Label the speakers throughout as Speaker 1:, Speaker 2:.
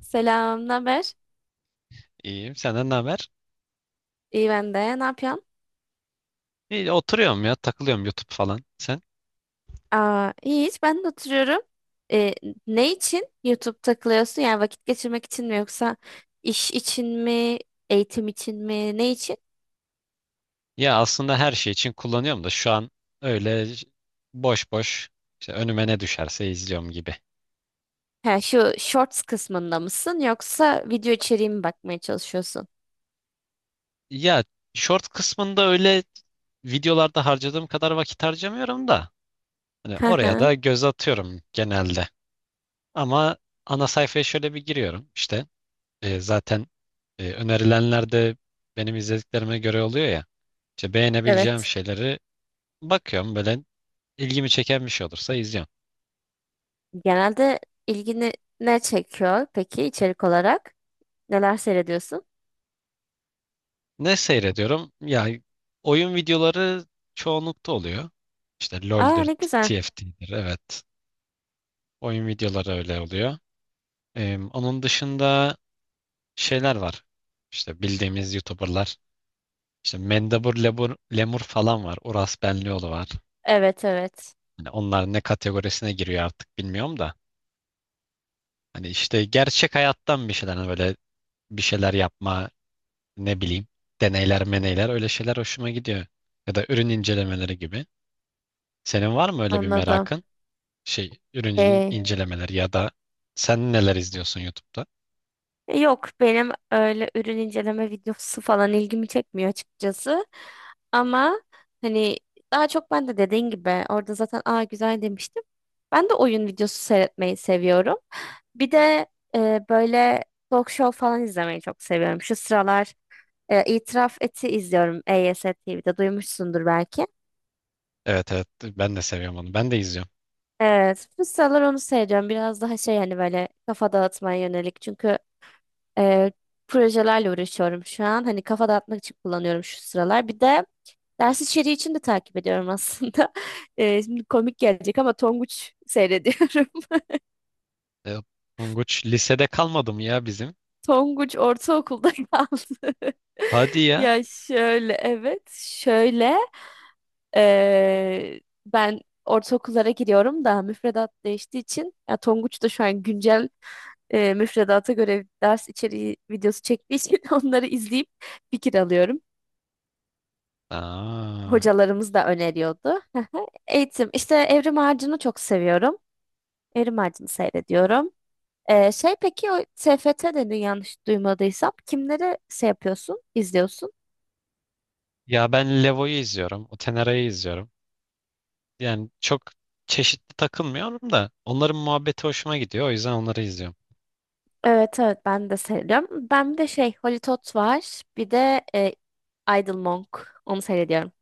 Speaker 1: Selam, naber?
Speaker 2: İyiyim. Senden ne haber?
Speaker 1: İyi ben de. Ne yapıyorsun?
Speaker 2: İyi, oturuyorum ya. Takılıyorum YouTube falan. Sen?
Speaker 1: Aa, iyi hiç ben de oturuyorum. Ee, ne için YouTube takılıyorsun? Yani vakit geçirmek için mi yoksa iş için mi, eğitim için mi, ne için?
Speaker 2: Ya aslında her şey için kullanıyorum da şu an öyle boş boş işte önüme ne düşerse izliyorum gibi.
Speaker 1: Ha, şu Shorts kısmında mısın yoksa video içeriği mi bakmaya çalışıyorsun?
Speaker 2: Ya short kısmında öyle videolarda harcadığım kadar vakit harcamıyorum da hani
Speaker 1: Hı
Speaker 2: oraya
Speaker 1: hı.
Speaker 2: da göz atıyorum genelde. Ama ana sayfaya şöyle bir giriyorum işte. Zaten önerilenler de benim izlediklerime göre oluyor ya. İşte beğenebileceğim
Speaker 1: Evet.
Speaker 2: şeyleri bakıyorum böyle ilgimi çeken bir şey olursa izliyorum.
Speaker 1: Genelde ilgini ne çekiyor peki içerik olarak? Neler seyrediyorsun?
Speaker 2: Ne seyrediyorum? Ya oyun videoları çoğunlukta oluyor. İşte
Speaker 1: Aa,
Speaker 2: LoL'dür,
Speaker 1: ne güzel.
Speaker 2: TFT'dir. Evet. Oyun videoları öyle oluyor. Onun dışında şeyler var. İşte bildiğimiz YouTuber'lar. İşte Mendebur Lemur, Lemur falan var. Uras Benlioğlu var.
Speaker 1: Evet evet.
Speaker 2: Hani onlar ne kategorisine giriyor artık bilmiyorum da. Hani işte gerçek hayattan bir şeyler hani böyle bir şeyler yapma, ne bileyim deneyler meneyler öyle şeyler hoşuma gidiyor. Ya da ürün incelemeleri gibi. Senin var mı öyle bir
Speaker 1: Anladım.
Speaker 2: merakın? Şey ürün
Speaker 1: Ee,
Speaker 2: incelemeleri ya da sen neler izliyorsun YouTube'da?
Speaker 1: Yok benim öyle ürün inceleme videosu falan ilgimi çekmiyor açıkçası. Ama hani daha çok ben de dediğin gibi orada zaten aa güzel demiştim. Ben de oyun videosu seyretmeyi seviyorum. Bir de böyle talk show falan izlemeyi çok seviyorum. Şu sıralar İtiraf Et'i izliyorum EYST TV'de, duymuşsundur belki.
Speaker 2: Evet evet ben de seviyorum onu. Ben de izliyorum.
Speaker 1: Evet, bu sıralar onu seyrediyorum. Biraz daha şey, hani böyle kafa dağıtmaya yönelik. Çünkü e, projelerle uğraşıyorum şu an. Hani kafa dağıtmak için kullanıyorum şu sıralar. Bir de ders içeriği için de takip ediyorum aslında. Şimdi komik gelecek ama Tonguç seyrediyorum.
Speaker 2: E, Tonguç lisede kalmadı mı ya bizim?
Speaker 1: Tonguç ortaokulda kaldı.
Speaker 2: Hadi ya.
Speaker 1: Ya şöyle, evet şöyle e, ben ortaokullara giriyorum da müfredat değiştiği için, ya Tonguç da şu an güncel müfredata göre ders içeriği videosu çektiği için onları izleyip fikir alıyorum.
Speaker 2: Aa.
Speaker 1: Hocalarımız da öneriyordu. Eğitim işte, Evrim Ağacı'nı çok seviyorum. Evrim Ağacı'nı seyrediyorum. Şey peki, o TFT dedin, yanlış duymadıysam kimleri şey yapıyorsun, izliyorsun?
Speaker 2: Ya ben Levo'yu izliyorum. Otenera'yı izliyorum. Yani çok çeşitli takılmıyorum da onların muhabbeti hoşuma gidiyor. O yüzden onları izliyorum.
Speaker 1: Evet evet, ben de seyrediyorum. Ben bir de şey, Holly Tot var. Bir de Idle Monk. Onu seyrediyorum.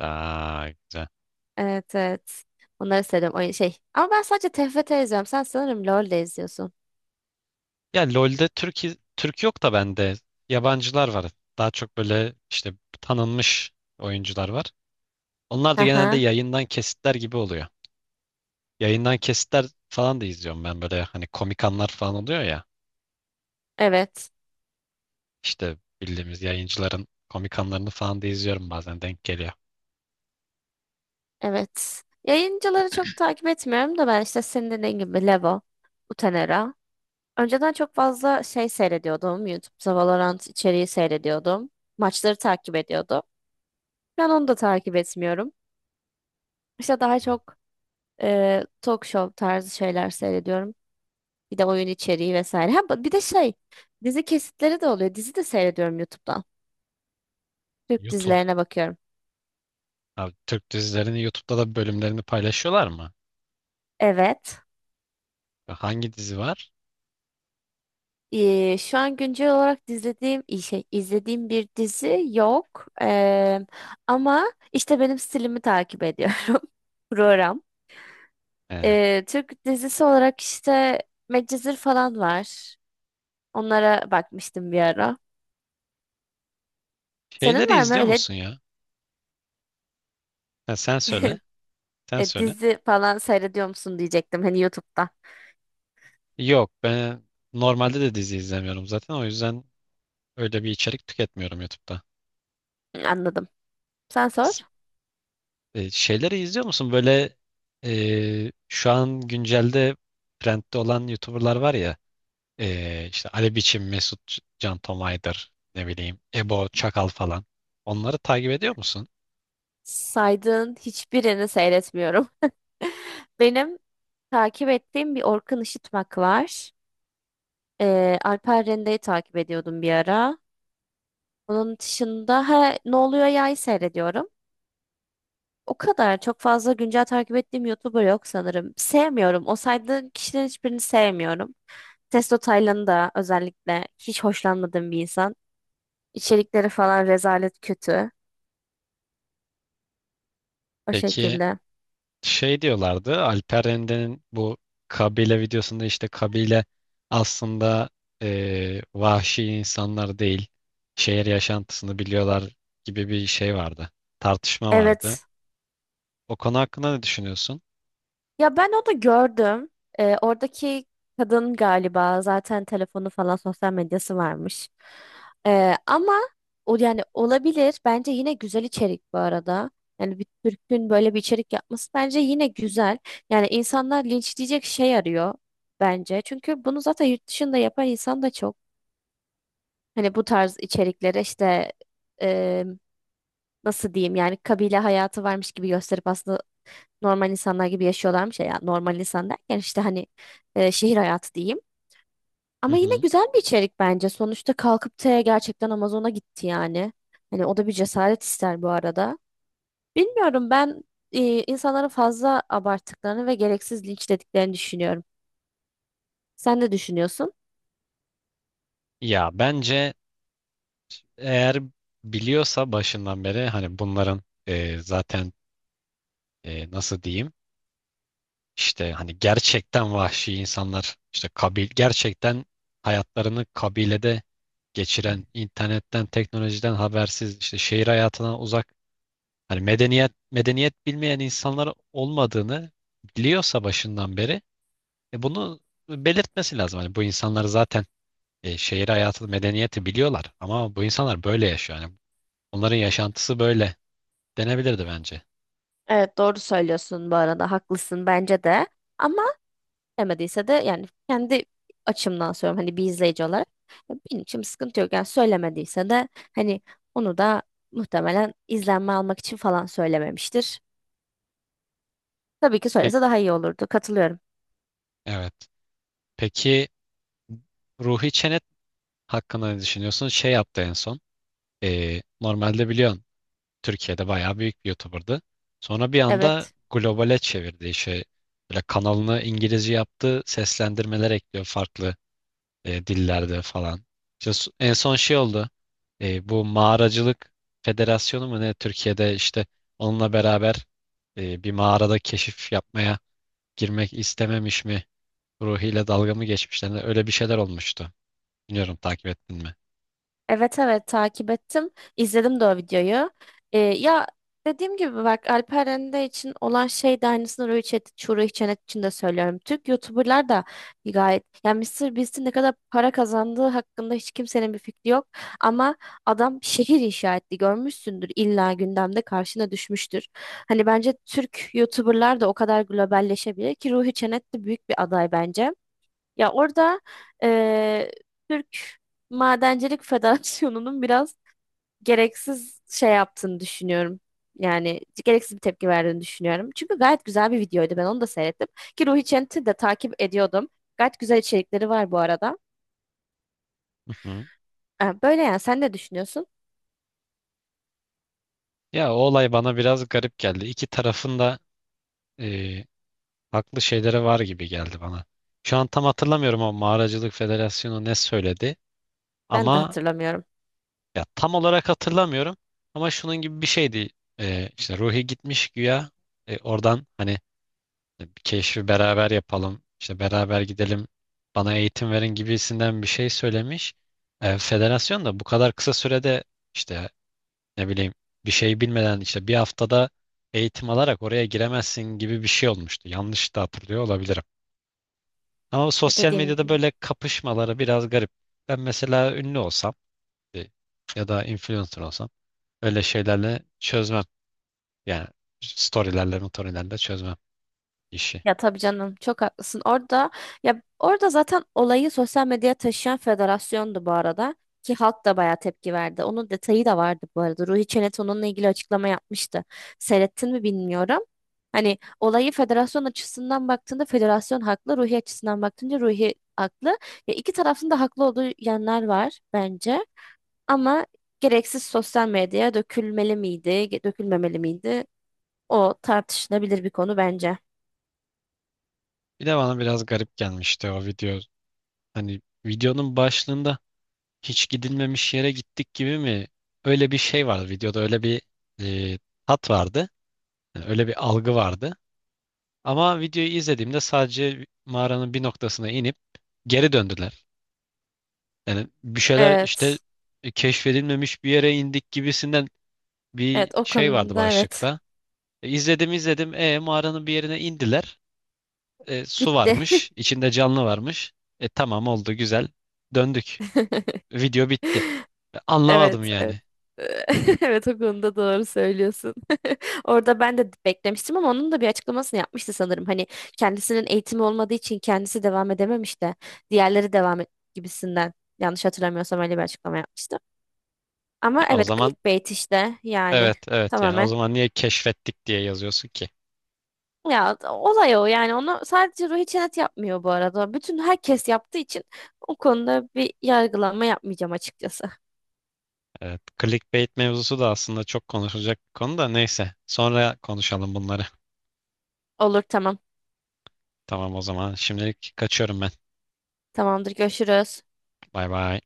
Speaker 2: Aa, güzel.
Speaker 1: Evet evet. Onları seyrediyorum. Oyun şey. Ama ben sadece TFT izliyorum. Sen sanırım LoL de izliyorsun.
Speaker 2: Ya LoL'de Türk yok da bende yabancılar var. Daha çok böyle işte tanınmış oyuncular var. Onlar da genelde
Speaker 1: Aha.
Speaker 2: yayından kesitler gibi oluyor. Yayından kesitler falan da izliyorum ben böyle hani komik anlar falan oluyor ya.
Speaker 1: Evet.
Speaker 2: İşte bildiğimiz yayıncıların komik anlarını falan da izliyorum bazen denk geliyor.
Speaker 1: Evet. Yayıncıları çok takip etmiyorum da, ben işte senin dediğin gibi Levo, Utenera. Önceden çok fazla şey seyrediyordum. YouTube'da Valorant içeriği seyrediyordum. Maçları takip ediyordum. Ben onu da takip etmiyorum. İşte daha çok talk show tarzı şeyler seyrediyorum. Bir de oyun içeriği vesaire. Ha, bir de şey, dizi kesitleri de oluyor. Dizi de seyrediyorum YouTube'dan. Türk
Speaker 2: YouTube,
Speaker 1: dizilerine bakıyorum.
Speaker 2: abi Türk dizilerini YouTube'da da bölümlerini paylaşıyorlar mı?
Speaker 1: Evet.
Speaker 2: Hangi dizi var?
Speaker 1: Şu an güncel olarak izlediğim şey, izlediğim bir dizi yok. Ama işte benim stilimi takip ediyorum program.
Speaker 2: Ee,
Speaker 1: Türk dizisi olarak işte Medcezir falan var. Onlara bakmıştım bir ara. Senin
Speaker 2: şeyleri
Speaker 1: var mı
Speaker 2: izliyor
Speaker 1: öyle
Speaker 2: musun ya? Ha, sen söyle. Sen söyle.
Speaker 1: dizi falan seyrediyor musun diyecektim, hani YouTube'da.
Speaker 2: Yok ben normalde de dizi izlemiyorum zaten o yüzden öyle bir içerik tüketmiyorum YouTube'da.
Speaker 1: Anladım. Sen sor.
Speaker 2: S- şeyleri izliyor musun? Böyle şu an güncelde trendde olan YouTuber'lar var ya işte Ali Biçim, Can Tomay'dır ne bileyim Ebo Çakal falan. Onları takip ediyor musun?
Speaker 1: Saydığın hiçbirini seyretmiyorum. Benim takip ettiğim bir Orkun Işıtmak var. Alper Rende'yi takip ediyordum bir ara. Onun dışında ha, Ne Oluyor Ya'yı seyrediyorum. O kadar çok fazla güncel takip ettiğim YouTuber yok sanırım. Sevmiyorum. O saydığın kişilerin hiçbirini sevmiyorum. Testo Taylan'ı da özellikle hiç hoşlanmadığım bir insan. İçerikleri falan rezalet kötü. O
Speaker 2: Peki
Speaker 1: şekilde.
Speaker 2: şey diyorlardı Alper Rende'nin bu kabile videosunda işte kabile aslında vahşi insanlar değil şehir yaşantısını biliyorlar gibi bir şey vardı tartışma vardı
Speaker 1: Evet.
Speaker 2: o konu hakkında ne düşünüyorsun?
Speaker 1: Ya, ben onu gördüm. Oradaki kadın galiba zaten telefonu falan sosyal medyası varmış. Ama o, yani olabilir. Bence yine güzel içerik bu arada. Yani bir Türk'ün böyle bir içerik yapması bence yine güzel. Yani insanlar linçleyecek şey arıyor bence. Çünkü bunu zaten yurt dışında yapan insan da çok. Hani bu tarz içeriklere işte e, nasıl diyeyim, yani kabile hayatı varmış gibi gösterip aslında normal insanlar gibi yaşıyorlarmış ya. Yani normal insan derken işte hani şehir hayatı diyeyim.
Speaker 2: Hı
Speaker 1: Ama yine
Speaker 2: hı.
Speaker 1: güzel bir içerik bence. Sonuçta kalkıp gerçekten Amazon'a gitti yani. Hani o da bir cesaret ister bu arada. Bilmiyorum, ben insanların fazla abarttıklarını ve gereksiz linçlediklerini düşünüyorum. Sen ne düşünüyorsun?
Speaker 2: Ya bence eğer biliyorsa başından beri hani bunların zaten nasıl diyeyim işte hani gerçekten vahşi insanlar işte kabil gerçekten hayatlarını kabilede geçiren, internetten, teknolojiden habersiz, işte şehir hayatından uzak, hani medeniyet medeniyet bilmeyen insanlar olmadığını biliyorsa başından beri bunu belirtmesi lazım. Hani bu insanlar zaten şehir hayatı, medeniyeti biliyorlar ama bu insanlar böyle yaşıyor. Yani onların yaşantısı böyle denebilirdi bence.
Speaker 1: Evet, doğru söylüyorsun bu arada, haklısın bence de. Ama demediyse de, yani kendi açımdan söylüyorum, hani bir izleyici olarak. Ya, benim için bir sıkıntı yok. Yani söylemediyse de hani onu da muhtemelen izlenme almak için falan söylememiştir. Tabii ki
Speaker 2: Peki,
Speaker 1: söylese daha iyi olurdu. Katılıyorum.
Speaker 2: evet. Peki Ruhi Çenet hakkında ne düşünüyorsun? Şey yaptı en son. Normalde biliyorsun Türkiye'de bayağı büyük bir YouTuber'dı. Sonra bir anda
Speaker 1: Evet.
Speaker 2: globale çevirdi işi. Böyle kanalını İngilizce yaptı. Seslendirmeler ekliyor farklı dillerde falan. İşte en son şey oldu. Bu mağaracılık federasyonu mu ne? Türkiye'de işte onunla beraber bir mağarada keşif yapmaya girmek istememiş mi? Ruhiyle dalga mı geçmişler? Öyle bir şeyler olmuştu. Bilmiyorum takip ettin mi?
Speaker 1: Evet evet, takip ettim. İzledim de o videoyu. Ya dediğim gibi bak, Alper Rende için olan şey de aynısını Ruhi Çetin, Çuğrul Çenet için de söylüyorum. Türk YouTuber'lar da gayet, yani Mr. Beast'in ne kadar para kazandığı hakkında hiç kimsenin bir fikri yok. Ama adam şehir inşa etti, görmüşsündür, illa gündemde karşına düşmüştür. Hani bence Türk YouTuber'lar da o kadar globalleşebilir ki, Ruhi Çenet de büyük bir aday bence. Ya orada eee, Türk Madencilik Federasyonu'nun biraz gereksiz şey yaptığını düşünüyorum. Yani gereksiz bir tepki verdiğini düşünüyorum. Çünkü gayet güzel bir videoydu. Ben onu da seyrettim. Ki Ruhi Çent'i de takip ediyordum. Gayet güzel içerikleri var bu arada. Ha, böyle yani, sen ne düşünüyorsun?
Speaker 2: Ya o olay bana biraz garip geldi. İki tarafında e, haklı şeyleri var gibi geldi bana. Şu an tam hatırlamıyorum o Mağaracılık Federasyonu ne söyledi.
Speaker 1: Ben de
Speaker 2: Ama
Speaker 1: hatırlamıyorum.
Speaker 2: ya tam olarak hatırlamıyorum. Ama şunun gibi bir şeydi. E, işte Ruhi gitmiş güya. Oradan hani bir keşfi beraber yapalım. İşte beraber gidelim. Bana eğitim verin gibisinden bir şey söylemiş. Federasyon da bu kadar kısa sürede işte ne bileyim bir şey bilmeden işte bir haftada eğitim alarak oraya giremezsin gibi bir şey olmuştu. Yanlış da hatırlıyor olabilirim. Ama bu
Speaker 1: Ya
Speaker 2: sosyal
Speaker 1: dediğim
Speaker 2: medyada
Speaker 1: gibi.
Speaker 2: böyle kapışmaları biraz garip. Ben mesela ünlü olsam e, ya da influencer olsam öyle şeylerle çözmem. Yani storylerle, motorilerle çözmem işi.
Speaker 1: Ya tabii canım, çok haklısın. Ya orada zaten olayı sosyal medyaya taşıyan federasyondu bu arada, ki halk da bayağı tepki verdi. Onun detayı da vardı bu arada. Ruhi Çenet onunla ilgili açıklama yapmıştı. Seyrettin mi bilmiyorum. Hani olayı federasyon açısından baktığında federasyon haklı, Ruhi açısından baktığında Ruhi haklı. Ya iki tarafın da haklı olduğu yanlar var bence. Ama gereksiz sosyal medyaya dökülmeli miydi, dökülmemeli miydi? O tartışılabilir bir konu bence.
Speaker 2: Bir de bana biraz garip gelmişti o video. Hani videonun başlığında hiç gidilmemiş yere gittik gibi mi? Öyle bir şey vardı videoda öyle bir e, tat vardı. Yani öyle bir algı vardı. Ama videoyu izlediğimde sadece mağaranın bir noktasına inip geri döndüler. Yani bir şeyler işte
Speaker 1: Evet.
Speaker 2: keşfedilmemiş bir yere indik gibisinden bir
Speaker 1: Evet, o
Speaker 2: şey vardı
Speaker 1: konuda evet.
Speaker 2: başlıkta. İzledim izledim. Mağaranın bir yerine indiler. Su
Speaker 1: Bitti.
Speaker 2: varmış. İçinde canlı varmış. Tamam oldu güzel. Döndük. Video bitti. Anlamadım
Speaker 1: Evet, evet.
Speaker 2: yani.
Speaker 1: Evet, o konuda doğru söylüyorsun. Orada ben de beklemiştim, ama onun da bir açıklamasını yapmıştı sanırım. Hani kendisinin eğitimi olmadığı için kendisi devam edememiş de diğerleri devam et gibisinden. Yanlış hatırlamıyorsam öyle bir açıklama yapmıştı. Ama
Speaker 2: Ya o
Speaker 1: evet,
Speaker 2: zaman
Speaker 1: clickbait işte, yani
Speaker 2: evet evet yani o
Speaker 1: tamamen.
Speaker 2: zaman niye keşfettik diye yazıyorsun ki?
Speaker 1: Ya, olay o yani, onu sadece Ruhi Çenet yapmıyor bu arada. Bütün herkes yaptığı için o konuda bir yargılama yapmayacağım açıkçası.
Speaker 2: Evet, clickbait mevzusu da aslında çok konuşulacak bir konu da neyse. Sonra konuşalım bunları.
Speaker 1: Olur, tamam.
Speaker 2: Tamam o zaman. Şimdilik kaçıyorum ben.
Speaker 1: Tamamdır, görüşürüz.
Speaker 2: Bay bay.